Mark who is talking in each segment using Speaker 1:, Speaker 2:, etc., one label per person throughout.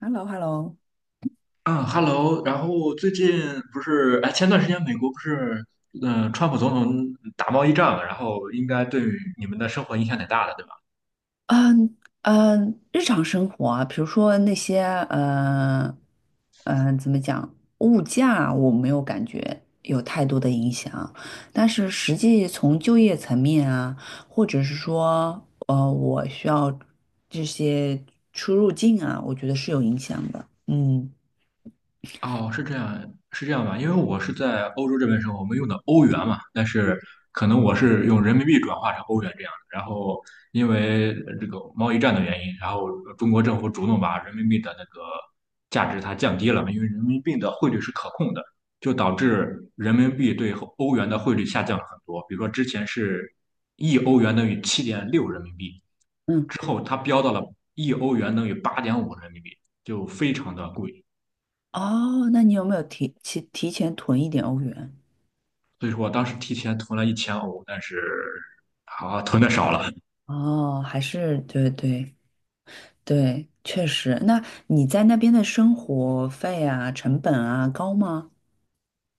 Speaker 1: Hello，Hello，
Speaker 2: 嗯，Hello，然后最近不是，哎，前段时间美国不是，川普总统打贸易战嘛，然后应该对你们的生活影响挺大的，对吧？
Speaker 1: 嗯日常生活啊，比如说那些呃怎么讲，物价我没有感觉有太多的影响，但是实际从就业层面啊，或者是说我需要这些出入境啊，我觉得是有影响的。嗯
Speaker 2: 哦，是这样，是这样吧？因为我是在欧洲这边生活，我们用的欧元嘛，但是可能我是用人民币转化成欧元这样的。然后因为这个贸易战的原因，然后中国政府主动把人民币的那个价值它降低了嘛，因为人民币的汇率是可控的，就导致人民币对欧元的汇率下降了很多。比如说之前是一欧元等于7.6人民币，
Speaker 1: 嗯，
Speaker 2: 之后它飙到了一欧元等于8.5人民币，就非常的贵。
Speaker 1: 哦，那你有没有提前囤一点欧元？
Speaker 2: 所以说我当时提前囤了1000欧，但是囤的少了。
Speaker 1: 哦，还是对对。对，确实。那你在那边的生活费啊、成本啊高吗？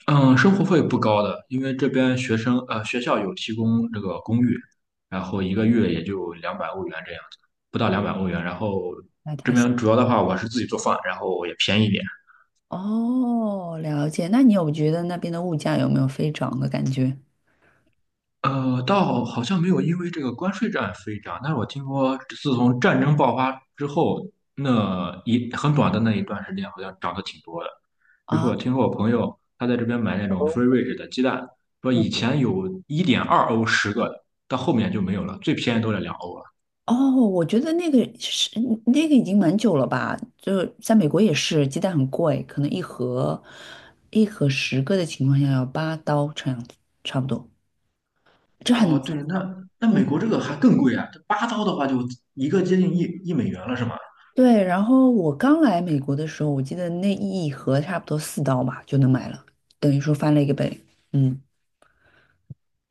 Speaker 2: 嗯，生活费不高的，因为这边学校有提供这个公寓，然后一个月也就两百欧元这样子，不到两百欧元。然后
Speaker 1: 那
Speaker 2: 这
Speaker 1: 太行。
Speaker 2: 边主要的话我是自己做饭，然后也便宜一点。
Speaker 1: 哦，了解。那你有觉得那边的物价有没有飞涨的感觉
Speaker 2: 倒好像没有因为这个关税战飞涨，但是我听说自从战争爆发之后，很短的那一段时间，好像涨得挺多的。比如说，我
Speaker 1: 啊？
Speaker 2: 听说我朋友他在这边买那种 free range 的鸡蛋，说
Speaker 1: 嗯，
Speaker 2: 以前有1.2欧十个的，到后面就没有了，最便宜都得两欧了。
Speaker 1: 哦，我觉得那个是那个已经蛮久了吧？就在美国也是，鸡蛋很贵，可能一盒10个的情况下要8刀这样子，差不多，这还能
Speaker 2: 哦，
Speaker 1: 难
Speaker 2: 对，
Speaker 1: 想
Speaker 2: 那
Speaker 1: 嗯。
Speaker 2: 美国这个还更贵啊，这8刀的话就一个接近一美元了，是吗？
Speaker 1: 对，然后我刚来美国的时候，我记得那一盒差不多4刀吧就能买了，等于说翻了一个倍。嗯，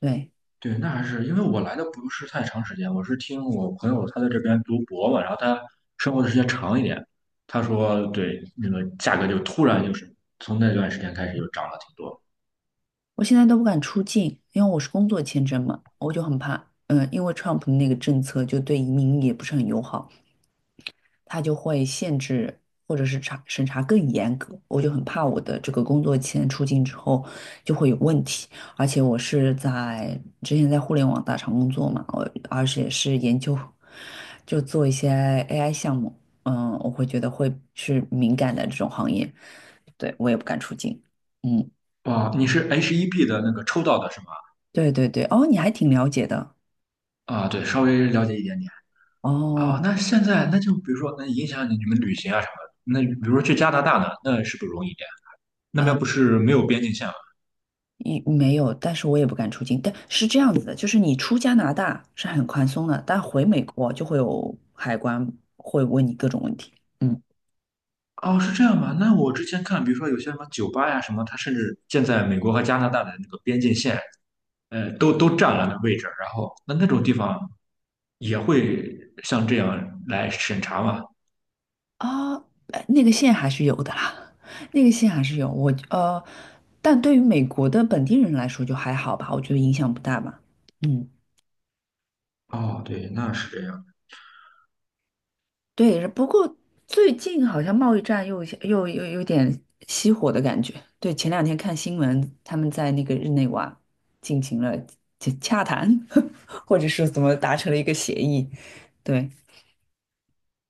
Speaker 1: 对，
Speaker 2: 对，那还是因为我来的不是太长时间，我是听我朋友他在这边读博嘛，然后他生活的时间长一点，他说对，那个价格就突然就是从那段时间开始就涨了挺多。
Speaker 1: 我现在都不敢出境，因为我是工作签证嘛，我就很怕。嗯，因为 Trump 那个政策就对移民也不是很友好。他就会限制或者是审查更严格。我就很怕我的这个工作签出境之后就会有问题，而且我是在之前在互联网大厂工作嘛，而且是研究就做一些 AI 项目。嗯，我会觉得会是敏感的这种行业，对，我也不敢出境。嗯，
Speaker 2: 啊，你是 HEB 的那个抽到的是吗？
Speaker 1: 对对对，哦，你还挺了解的。
Speaker 2: 啊，对，稍微了解一点点。
Speaker 1: 哦，
Speaker 2: 啊，那现在那就比如说，那影响你们旅行啊什么的。那比如说去加拿大呢，那是不是容易一点？那边不是没有边境线吗？
Speaker 1: 一没有，但是我也不敢出境。但是这样子的，就是你出加拿大是很宽松的，但回美国就会有海关会问你各种问题。嗯
Speaker 2: 哦，是这样吗？那我之前看，比如说有些什么酒吧呀什么，它甚至建在美国和加拿大的那个边境线。都占了那位置，然后那种地方也会像这样来审查嘛？
Speaker 1: 啊，那个线还是有的啦，那个线还是有。但对于美国的本地人来说就还好吧，我觉得影响不大吧。嗯。
Speaker 2: 哦，对，那是这样，
Speaker 1: 对，不过最近好像贸易战又有点熄火的感觉。对，前两天看新闻，他们在那个日内瓦进行了洽谈，或者是怎么达成了一个协议。对，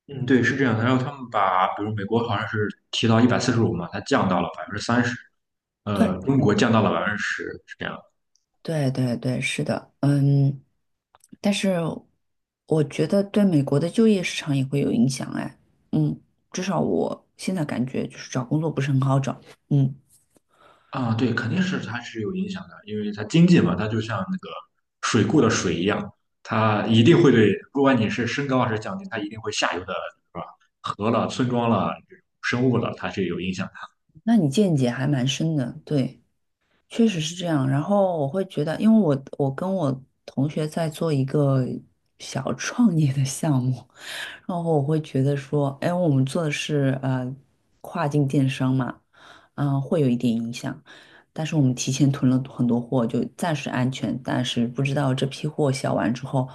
Speaker 2: 嗯，对，是这样的。然后他们把，比如美国好像是提到145嘛，它降到了30%，
Speaker 1: 对，
Speaker 2: 中
Speaker 1: 嗯
Speaker 2: 国降到了百分之十，是这样。
Speaker 1: 对，对，对，是的，嗯，但是我觉得对美国的就业市场也会有影响，哎，嗯，至少我现在感觉就是找工作不是很好找。嗯，
Speaker 2: 啊，对，肯定是它是有影响的，因为它经济嘛，它就像那个水库的水一样，它一定会对，不管你是升高还是降低，它一定会下游的，是吧？河了、村庄了、生物了，它是有影响。
Speaker 1: 那你见解还蛮深的，对。确实是这样，然后我会觉得，因为我跟我同学在做一个小创业的项目，然后我会觉得说，哎，我们做的是跨境电商嘛，嗯，会有一点影响，但是我们提前囤了很多货，就暂时安全，但是不知道这批货销完之后，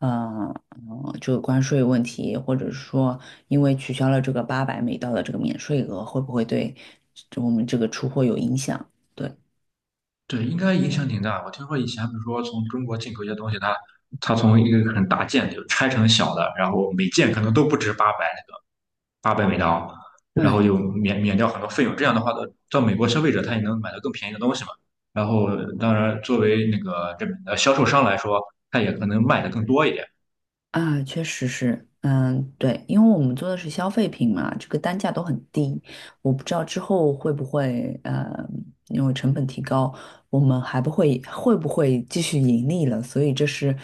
Speaker 1: 嗯、就有关税问题，或者是说因为取消了这个800美刀的这个免税额，会不会对我们这个出货有影响？对。
Speaker 2: 对，应该影响挺大。我听说以前比如说从中国进口一些东西，它从一个很大件就拆成小的，然后每件可能都不止八百美刀，然
Speaker 1: 对
Speaker 2: 后就免掉很多费用。这样的话，到美国消费者他也能买到更便宜的东西嘛。然后，当然作为那个这呃销售商来说，他也可能卖的更多一点
Speaker 1: 啊，确实是，嗯，对，因为我们做的是消费品嘛，这个单价都很低，我不知道之后会不会，因为成本提高，我们还不会会不会继续盈利了，所以这是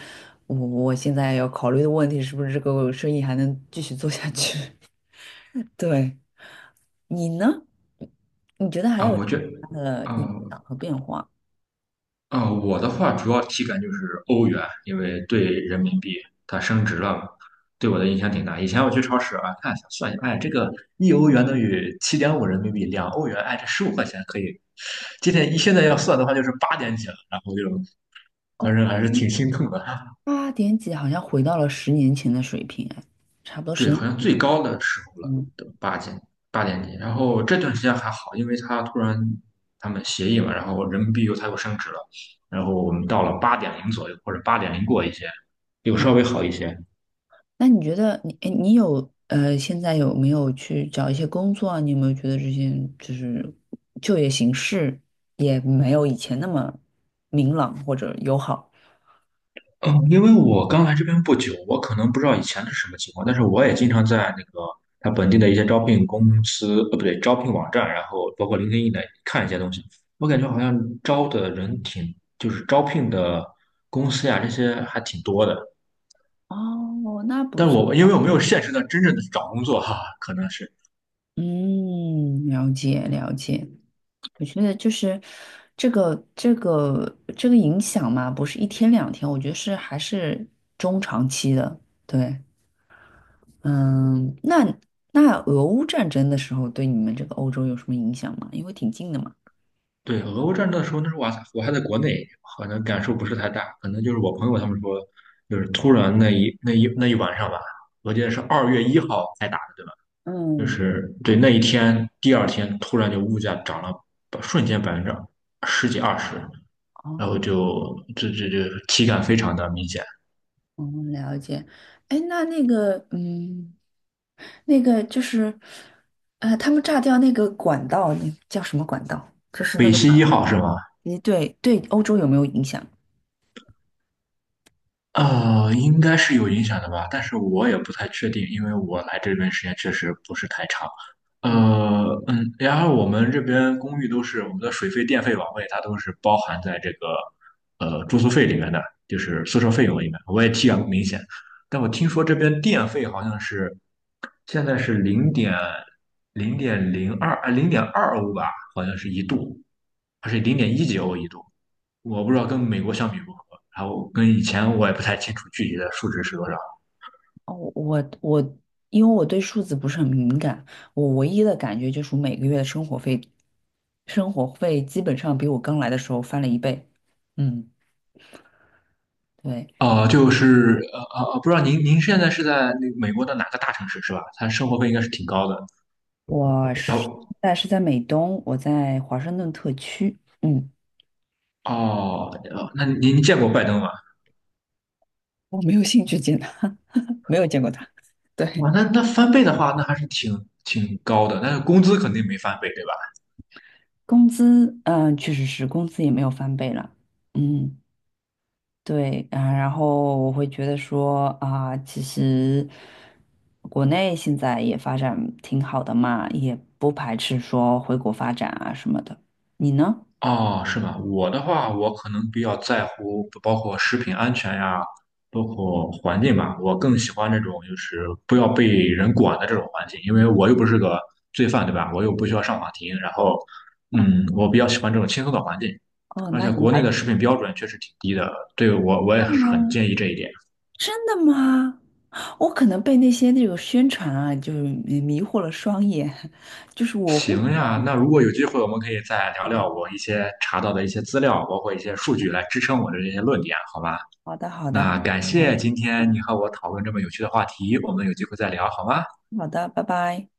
Speaker 1: 我现在要考虑的问题，是不是这个生意还能继续做下去？对，你呢？你觉得还
Speaker 2: 啊。
Speaker 1: 有什
Speaker 2: 我
Speaker 1: 么
Speaker 2: 觉得，
Speaker 1: 其他的
Speaker 2: 啊，
Speaker 1: 影响和变化？
Speaker 2: 我的话主要体感就是欧元，因为对人民币它升值了嘛，对我的影响挺大。以前我去超市啊，看一下算一下，哎，这个一欧元等于7.5人民币，2欧元，哎，这15块钱可以。今天一现在要算的话，就是八点几了，然后就
Speaker 1: 哦，
Speaker 2: 反正还是挺心痛的。
Speaker 1: 八点几好像回到了10年前的水平，哎，差不多十
Speaker 2: 对，好像最高的时候了，
Speaker 1: 年。
Speaker 2: 都八点几，然后这段时间还好，因为他突然他们协议嘛，然后人民币又它又升值了，然后我们到了八点零左右或者八点零过一些，又稍微好一些。
Speaker 1: 那你觉得你，哎，你有现在有没有去找一些工作啊？你有没有觉得这些就是就业形势也没有以前那么明朗或者友好？
Speaker 2: 嗯，因为我刚来这边不久，我可能不知道以前是什么情况，但是我也经常在那个他本地的一些招聘公司，不对，招聘网站，然后包括 l i n 的看一些东西。我感觉好像招的人挺，就是招聘的公司呀，这些还挺多的。
Speaker 1: 哦，那不错。
Speaker 2: 因为我没有现实的真正的去找工作哈，可能是
Speaker 1: 嗯，了解了解。我觉得就是这个影响嘛，不是一天两天，我觉得是还是中长期的。对，嗯，那俄乌战争的时候对你们这个欧洲有什么影响吗？因为挺近的嘛。
Speaker 2: 对俄乌战争的时候，那时候我还在国内，可能感受不是太大，可能就是我朋友他们说，就是突然那一晚上吧，我记得是2月1号才打的，对吧？就
Speaker 1: 嗯，
Speaker 2: 是对那一天，第二天突然就物价涨了，瞬间百分之十几二十，然后
Speaker 1: 哦，
Speaker 2: 就这体感非常的明显。
Speaker 1: 哦，了解。哎，那那个，嗯，那个就是，他们炸掉那个管道，那叫什么管道？
Speaker 2: 北溪一号是吗？
Speaker 1: 诶，对对，欧洲有没有影响？
Speaker 2: 应该是有影响的吧，但是我也不太确定，因为我来这边时间确实不是太长。
Speaker 1: 嗯，
Speaker 2: 然后我们这边公寓都是我们的水费、电费、网费，它都是包含在这个住宿费里面的，就是宿舍费用里面。我也体感不明显，但我听说这边电费好像是现在是0.02啊，0.2欧吧，好像是一度，还是零点一几欧一度，我不知道跟美国相比如何。然后跟以前我也不太清楚具体的数值是多少。
Speaker 1: 哦，因为我对数字不是很敏感，我唯一的感觉就是我每个月的生活费基本上比我刚来的时候翻了一倍。嗯，对，
Speaker 2: 哦、不知道您现在是在那个美国的哪个大城市是吧？它生活费应该是挺高的。
Speaker 1: 我
Speaker 2: 然
Speaker 1: 是，
Speaker 2: 后
Speaker 1: 但是在美东，我在华盛顿特区。嗯。
Speaker 2: 哦，那您见过拜登吗？
Speaker 1: 我没有兴趣见他，没有见过他。对，
Speaker 2: 哇，那翻倍的话，那还是挺高的，但是工资肯定没翻倍，对吧？
Speaker 1: 工资，嗯、确实是工资也没有翻倍了。嗯，对，啊、然后我会觉得说啊、其实国内现在也发展挺好的嘛，也不排斥说回国发展啊什么的。你呢？
Speaker 2: 哦，是吗？我的话，我可能比较在乎，包括食品安全呀，包括环境吧。我更喜欢这种就是不要被人管的这种环境，因为我又不是个罪犯，对吧？我又不需要上法庭。然后，嗯，我比较喜欢这种轻松的环境。
Speaker 1: 哦，
Speaker 2: 而
Speaker 1: 那
Speaker 2: 且
Speaker 1: 你
Speaker 2: 国
Speaker 1: 还
Speaker 2: 内的
Speaker 1: 上
Speaker 2: 食品标准确实挺低的，对我也是很建议
Speaker 1: 哦，
Speaker 2: 这一点。
Speaker 1: 真的吗？我可能被那些那种宣传啊，就是迷惑了双眼，就是我会觉
Speaker 2: 行呀，
Speaker 1: 得。
Speaker 2: 那如果有机会，我们可以再聊聊
Speaker 1: 哦，
Speaker 2: 我一些查到的一些资料，包括一些数据来支撑我的这些论点，好吧？
Speaker 1: 好的，好的，好
Speaker 2: 那
Speaker 1: 的，
Speaker 2: 感谢
Speaker 1: 嗯
Speaker 2: 今天你和我讨论这么有趣的话题，我们有机会再聊好吗？
Speaker 1: 好的，拜拜。